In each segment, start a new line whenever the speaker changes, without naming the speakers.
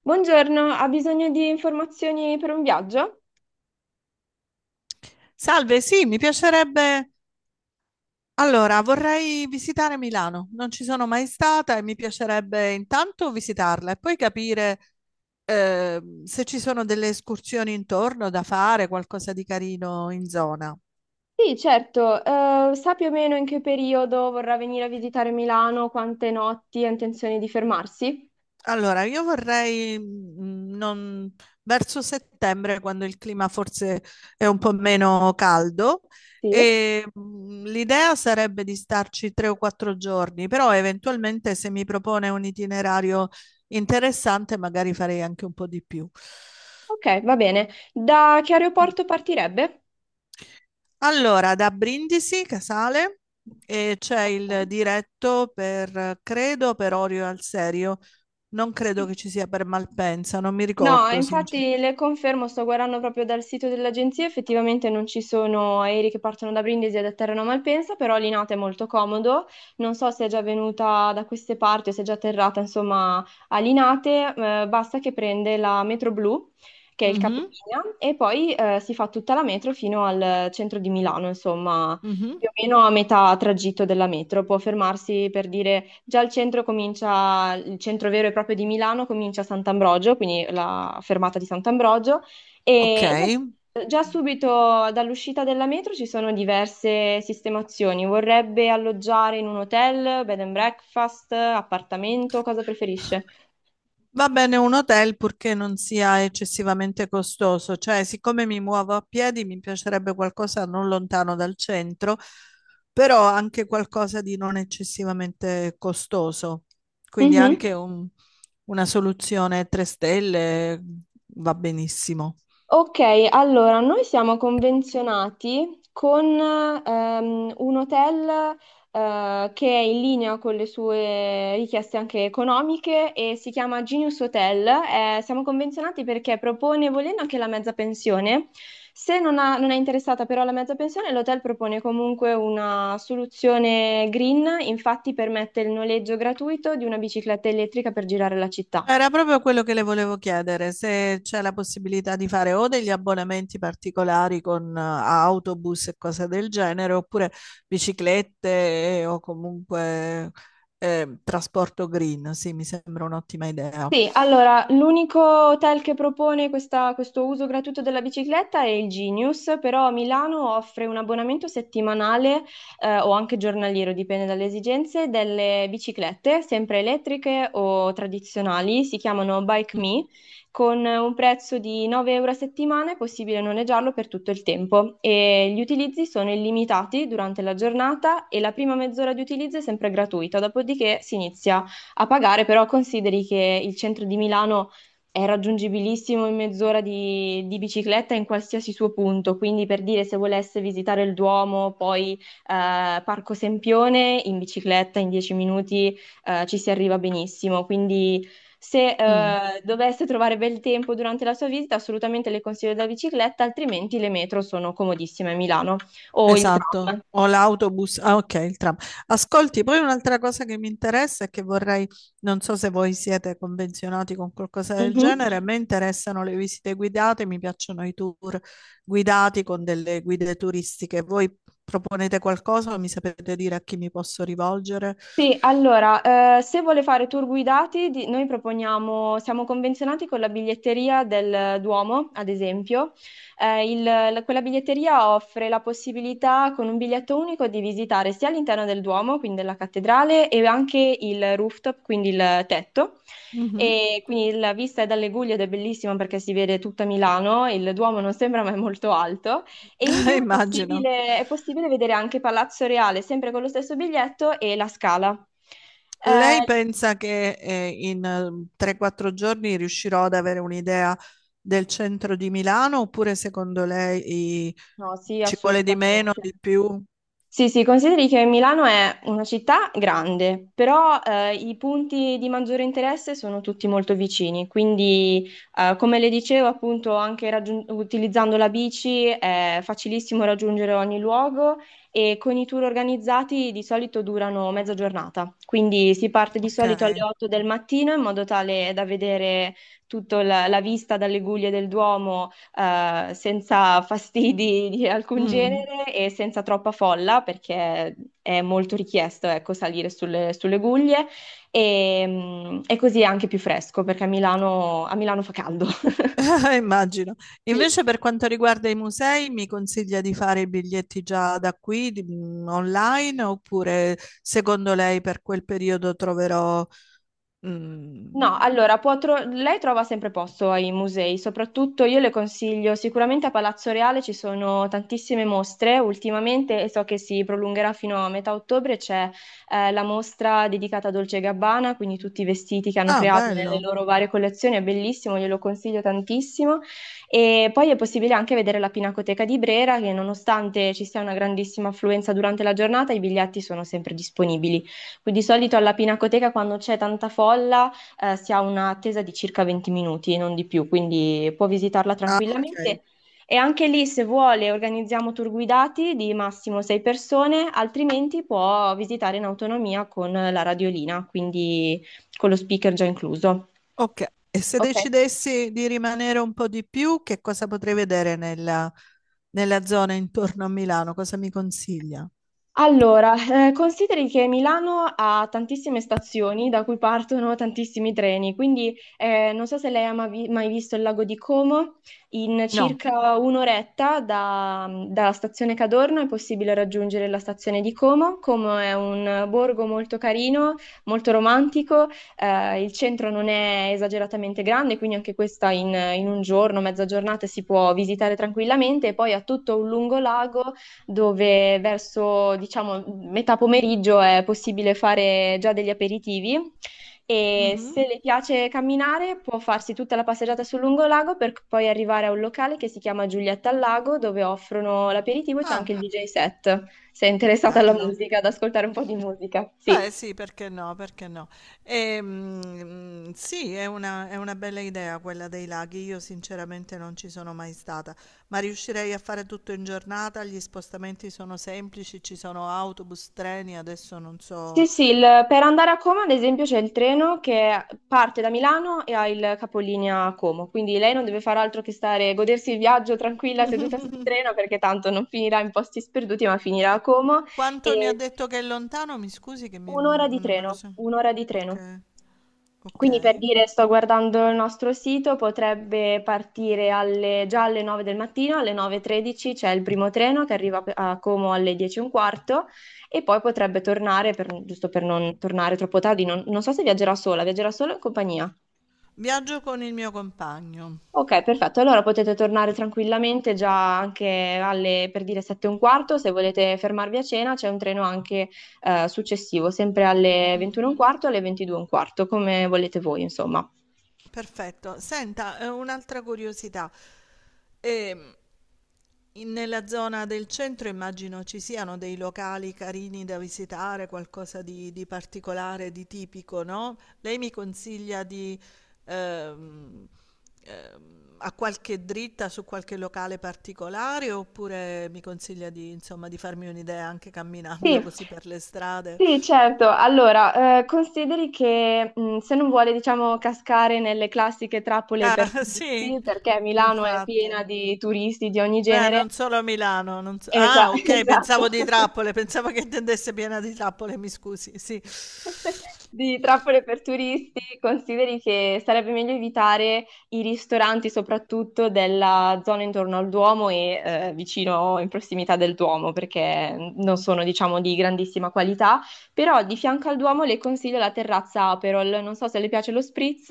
Buongiorno, ha bisogno di informazioni per un viaggio?
Salve, sì, mi piacerebbe. Allora, vorrei visitare Milano. Non ci sono mai stata e mi piacerebbe intanto visitarla e poi capire se ci sono delle escursioni intorno da fare, qualcosa di carino in zona.
Sì, certo. Sa più o meno in che periodo vorrà venire a visitare Milano, quante notti ha intenzione di fermarsi?
Allora, io vorrei verso settembre, quando il clima forse è un po' meno caldo,
Sì,
e l'idea sarebbe di starci tre o quattro giorni, però eventualmente se mi propone un itinerario interessante, magari farei anche un po' di più.
ok, va bene. Da che aeroporto partirebbe?
Allora, da Brindisi, Casale, e c'è il
Ok.
diretto per, credo, per Orio al Serio. Non credo che
Sì.
ci sia per Malpensa, non mi
No,
ricordo,
infatti le confermo, sto guardando proprio dal sito dell'agenzia, effettivamente non ci sono aerei che partono da Brindisi ed atterrano a Malpensa, però Linate è molto comodo, non so se è già venuta da queste parti o se è già atterrata insomma a Linate, basta che prende la metro blu, che è il
sinceramente.
capolinea, e poi si fa tutta la metro fino al centro di Milano, insomma
Mhm.
più o meno a metà tragitto della metro, può fermarsi per dire già il centro comincia, il centro vero e proprio di Milano comincia a Sant'Ambrogio, quindi la fermata di Sant'Ambrogio,
Ok,
e già subito dall'uscita della metro ci sono diverse sistemazioni. Vorrebbe alloggiare in un hotel, bed and breakfast, appartamento, cosa preferisce?
va bene un hotel purché non sia eccessivamente costoso, cioè siccome mi muovo a piedi mi piacerebbe qualcosa non lontano dal centro, però anche qualcosa di non eccessivamente costoso, quindi
Mhm.
una soluzione 3 stelle va benissimo.
Ok, allora noi siamo convenzionati con un hotel che è in linea con le sue richieste anche economiche e si chiama Genius Hotel. Siamo convenzionati perché propone, volendo anche la mezza pensione, se non, ha- non è interessata però la mezza pensione, l'hotel propone comunque una soluzione green, infatti permette il noleggio gratuito di una bicicletta elettrica per girare la città.
Era proprio quello che le volevo chiedere, se c'è la possibilità di fare o degli abbonamenti particolari con autobus e cose del genere, oppure biciclette o comunque trasporto green. Sì, mi sembra un'ottima idea.
Sì, allora, l'unico hotel che propone questo uso gratuito della bicicletta è il Genius, però a Milano offre un abbonamento settimanale, o anche giornaliero, dipende dalle esigenze, delle biciclette, sempre elettriche o tradizionali, si chiamano Bike Me, con un prezzo di 9 euro a settimana è possibile noleggiarlo per tutto il tempo e gli utilizzi sono illimitati durante la giornata e la prima mezz'ora di utilizzo è sempre gratuita, dopodiché si inizia a pagare, però consideri che il centro di Milano è raggiungibilissimo in mezz'ora di bicicletta in qualsiasi suo punto, quindi per dire se volesse visitare il Duomo, poi Parco Sempione, in bicicletta in 10 minuti ci si arriva benissimo, quindi se
Mm.
dovesse trovare bel tempo durante la sua visita, assolutamente le consiglio la bicicletta, altrimenti le metro sono comodissime a Milano o il
Esatto,
tram.
o l'autobus, ah ok, il tram. Ascolti, poi un'altra cosa che mi interessa e che vorrei, non so se voi siete convenzionati con qualcosa del
Mhm.
genere, a me interessano le visite guidate, mi piacciono i tour guidati con delle guide turistiche. Voi proponete qualcosa o mi sapete dire a chi mi posso rivolgere?
Sì, allora, se vuole fare tour guidati, noi proponiamo, siamo convenzionati con la biglietteria del Duomo, ad esempio. Quella biglietteria offre la possibilità con un biglietto unico di visitare sia l'interno del Duomo, quindi della cattedrale, e anche il rooftop, quindi il tetto.
Mhm.
E quindi la vista è dalle Guglie ed è bellissima perché si vede tutta Milano, il Duomo non sembra ma è molto alto. E in più
Immagino.
è possibile vedere anche Palazzo Reale, sempre con lo stesso biglietto e la Scala.
Lei
Eh,
pensa che in 3-4 giorni riuscirò ad avere un'idea del centro di Milano oppure
no, sì,
ci vuole di meno,
assolutamente.
di più?
Sì, sì, consideri che Milano è una città grande, però i punti di maggiore interesse sono tutti molto vicini, quindi come le dicevo, appunto, anche utilizzando la bici è facilissimo raggiungere ogni luogo e con i tour organizzati di solito durano mezza giornata, quindi si parte di
Ok,
solito alle 8 del mattino in modo tale da vedere tutta la vista dalle guglie del Duomo senza fastidi di alcun
mm.
genere e senza troppa folla, perché è molto richiesto, ecco, salire sulle guglie e così è anche più fresco, perché a Milano fa caldo.
Immagino.
Sì.
Invece per quanto riguarda i musei, mi consiglia di fare i biglietti già da qui, online, oppure secondo lei per quel periodo troverò... mm,
No, allora, può lei trova sempre posto ai musei, soprattutto io le consiglio, sicuramente a Palazzo Reale ci sono tantissime mostre ultimamente e so che si prolungherà fino a metà ottobre, c'è la mostra dedicata a Dolce e Gabbana, quindi tutti i vestiti che hanno
Ah,
creato nelle
bello.
loro varie collezioni, è bellissimo, glielo consiglio tantissimo. E poi è possibile anche vedere la Pinacoteca di Brera, che nonostante ci sia una grandissima affluenza durante la giornata, i biglietti sono sempre disponibili. Quindi di solito alla Pinacoteca quando c'è tanta folla si ha un'attesa di circa 20 minuti, non di più, quindi può visitarla
Ah, ok.
tranquillamente. E anche lì, se vuole, organizziamo tour guidati di massimo 6 persone, altrimenti può visitare in autonomia con la radiolina, quindi con lo speaker già incluso.
Ok, e se
Ok.
decidessi di rimanere un po' di più, che cosa potrei vedere nella zona intorno a Milano? Cosa mi consiglia?
Allora, consideri che Milano ha tantissime stazioni da cui partono tantissimi treni, quindi non so se lei ha mai visto il lago di Como, in
No.
circa un'oretta dalla stazione Cadorno è possibile raggiungere la stazione di Como. Como è un borgo molto carino, molto romantico, il centro non è esageratamente grande, quindi anche questa in un giorno, mezza giornata si può visitare tranquillamente e poi ha tutto un lungo lago dove verso, diciamo, metà pomeriggio è possibile fare già degli aperitivi e
Mhm.
se le piace camminare può farsi tutta la passeggiata sul lungolago per poi arrivare a un locale che si chiama Giulietta al Lago, dove offrono l'aperitivo e c'è
Ah,
anche il DJ set. Sei interessata alla
bello.
musica, ad ascoltare un po' di musica? Sì.
Beh, sì, perché no, perché no. Sì, è una bella idea quella dei laghi. Io sinceramente non ci sono mai stata, ma riuscirei a fare tutto in giornata. Gli spostamenti sono semplici, ci sono autobus, treni, adesso non
Sì,
so.
sì, per andare a Como, ad esempio, c'è il treno che parte da Milano e ha il capolinea a Como, quindi lei non deve fare altro che stare, godersi il viaggio tranquilla seduta sul treno perché tanto non finirà in posti sperduti, ma finirà a Como.
Quanto mi ha detto che è lontano? Mi scusi che mi-
Un'ora di
non me lo
treno,
so.
un'ora di treno.
Ok,
Quindi per
ok.
dire, sto guardando il nostro sito, potrebbe partire già alle 9 del mattino, alle 9:13 c'è il primo treno che arriva a Como alle 10 e un quarto e poi potrebbe tornare, giusto per non tornare troppo tardi, non so se viaggerà sola, viaggerà solo in compagnia.
Viaggio con il mio compagno.
Ok, perfetto. Allora potete tornare tranquillamente già anche alle, per dire, sette e un quarto. Se volete fermarvi a cena, c'è un treno anche successivo, sempre alle
Mm.
21 e un quarto, alle 22 e un quarto, come volete voi, insomma.
Perfetto. Senta, un'altra curiosità. Ehm, nella zona del centro immagino ci siano dei locali carini da visitare, qualcosa di particolare, di tipico, no? Lei mi consiglia di, ehm, a qualche dritta su qualche locale particolare oppure mi consiglia di, insomma, di farmi un'idea anche
Sì,
camminando così per le strade?
sì, certo. Allora, consideri che se non vuole, diciamo, cascare nelle classiche trappole per
Ah, sì,
turisti, perché Milano è piena
infatti.
di turisti di ogni
Beh,
genere.
non solo a Milano. Non so-
Esa-
Ah, ok,
esatto,
pensavo di trappole, pensavo che intendesse piena di trappole, mi scusi. Sì.
di trappole per turisti, consideri che sarebbe meglio evitare i ristoranti, soprattutto della zona intorno al Duomo e vicino in prossimità del Duomo, perché non sono, diciamo, di grandissima qualità. Però di fianco al Duomo le consiglio la terrazza Aperol. Non so se le piace lo spritz,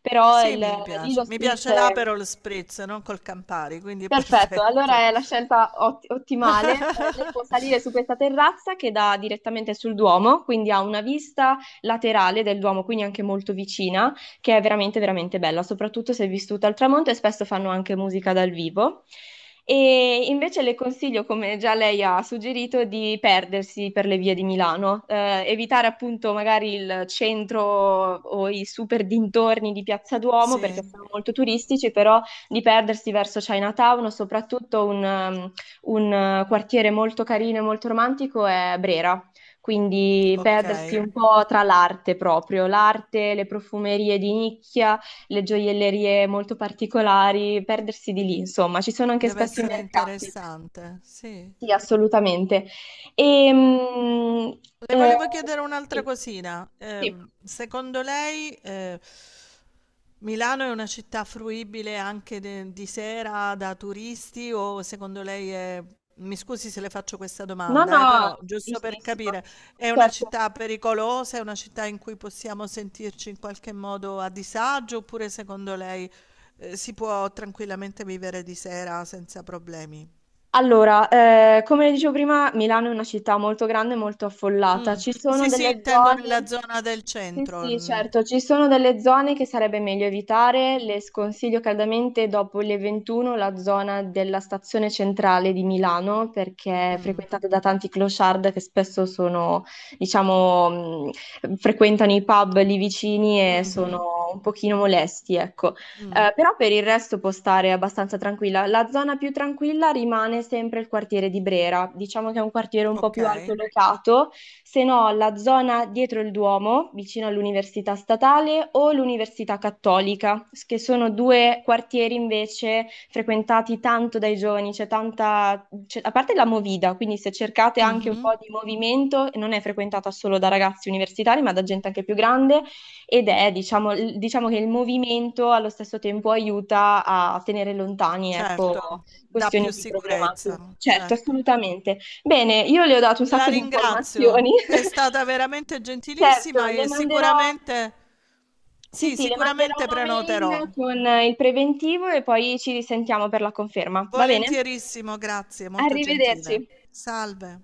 però
Sì, mi
lì lo
piace. Mi
spritz
piace
è.
l'Aperol Spritz, non col Campari, quindi è
Perfetto, allora
perfetto.
è la scelta ottimale. Lei può salire su questa terrazza che dà direttamente sul Duomo, quindi ha una vista laterale del Duomo, quindi anche molto vicina, che è veramente bella, soprattutto se vissuta al tramonto e spesso fanno anche musica dal vivo. E invece le consiglio, come già lei ha suggerito, di perdersi per le vie di Milano, evitare appunto magari il centro o i super dintorni di Piazza Duomo
Sì,
perché sono molto turistici, però di perdersi verso Chinatown, o soprattutto un quartiere molto carino e molto romantico è Brera. Quindi
ok.
perdersi un po' tra l'arte proprio, l'arte, le profumerie di nicchia, le gioiellerie molto particolari, perdersi di lì, insomma, ci sono anche
Deve
spesso i
essere
mercati.
interessante. Sì.
Sì, assolutamente. E, mm,
Le
eh,
volevo chiedere un'altra
sì,
cosina.
sì.
Secondo lei, Milano è una città fruibile di sera da turisti o secondo lei è... Mi scusi se le faccio questa
No,
domanda,
no,
però giusto per
giustissimo.
capire, è una
Certo.
città pericolosa, è una città in cui possiamo sentirci in qualche modo a disagio oppure secondo lei, si può tranquillamente vivere di sera senza problemi?
Allora, come dicevo prima, Milano è una città molto grande e molto
Mm.
affollata. Ci sono
Sì, sì,
delle
intendo nella
zone,
zona del
sì,
centro.
sì,
Mm.
certo, ci sono delle zone che sarebbe meglio evitare. Le sconsiglio caldamente dopo le 21 la zona della stazione centrale di Milano, perché è
Mm.
frequentata da tanti clochard che spesso sono, diciamo, frequentano i pub lì vicini e
Mh-mh.
sono un pochino molesti, ecco.
Mh.
Però per il resto può stare abbastanza tranquilla. La zona più tranquilla rimane sempre il quartiere di Brera, diciamo che è un quartiere un po' più alto,
Okay.
se no la zona dietro il Duomo, vicino all'Università Statale o l'Università Cattolica, che sono due quartieri invece frequentati tanto dai giovani, a parte la Movida, quindi se cercate anche un po'
Mh-mh.
di movimento, non è frequentata solo da ragazzi universitari, ma da gente anche più grande ed è, diciamo, diciamo che il movimento allo stesso tempo aiuta a tenere lontani, ecco,
Certo, dà
questioni
più
più problematiche.
sicurezza,
Certo,
certo.
assolutamente. Bene, io le ho dato un
La
sacco di informazioni.
ringrazio, è stata veramente
Certo,
gentilissima
le
e
manderò,
sicuramente
sì,
sì,
sì, le manderò
sicuramente
una
prenoterò.
mail con il preventivo e poi ci risentiamo per la conferma. Va bene?
Volentierissimo, grazie, molto
Arrivederci.
gentile. Salve.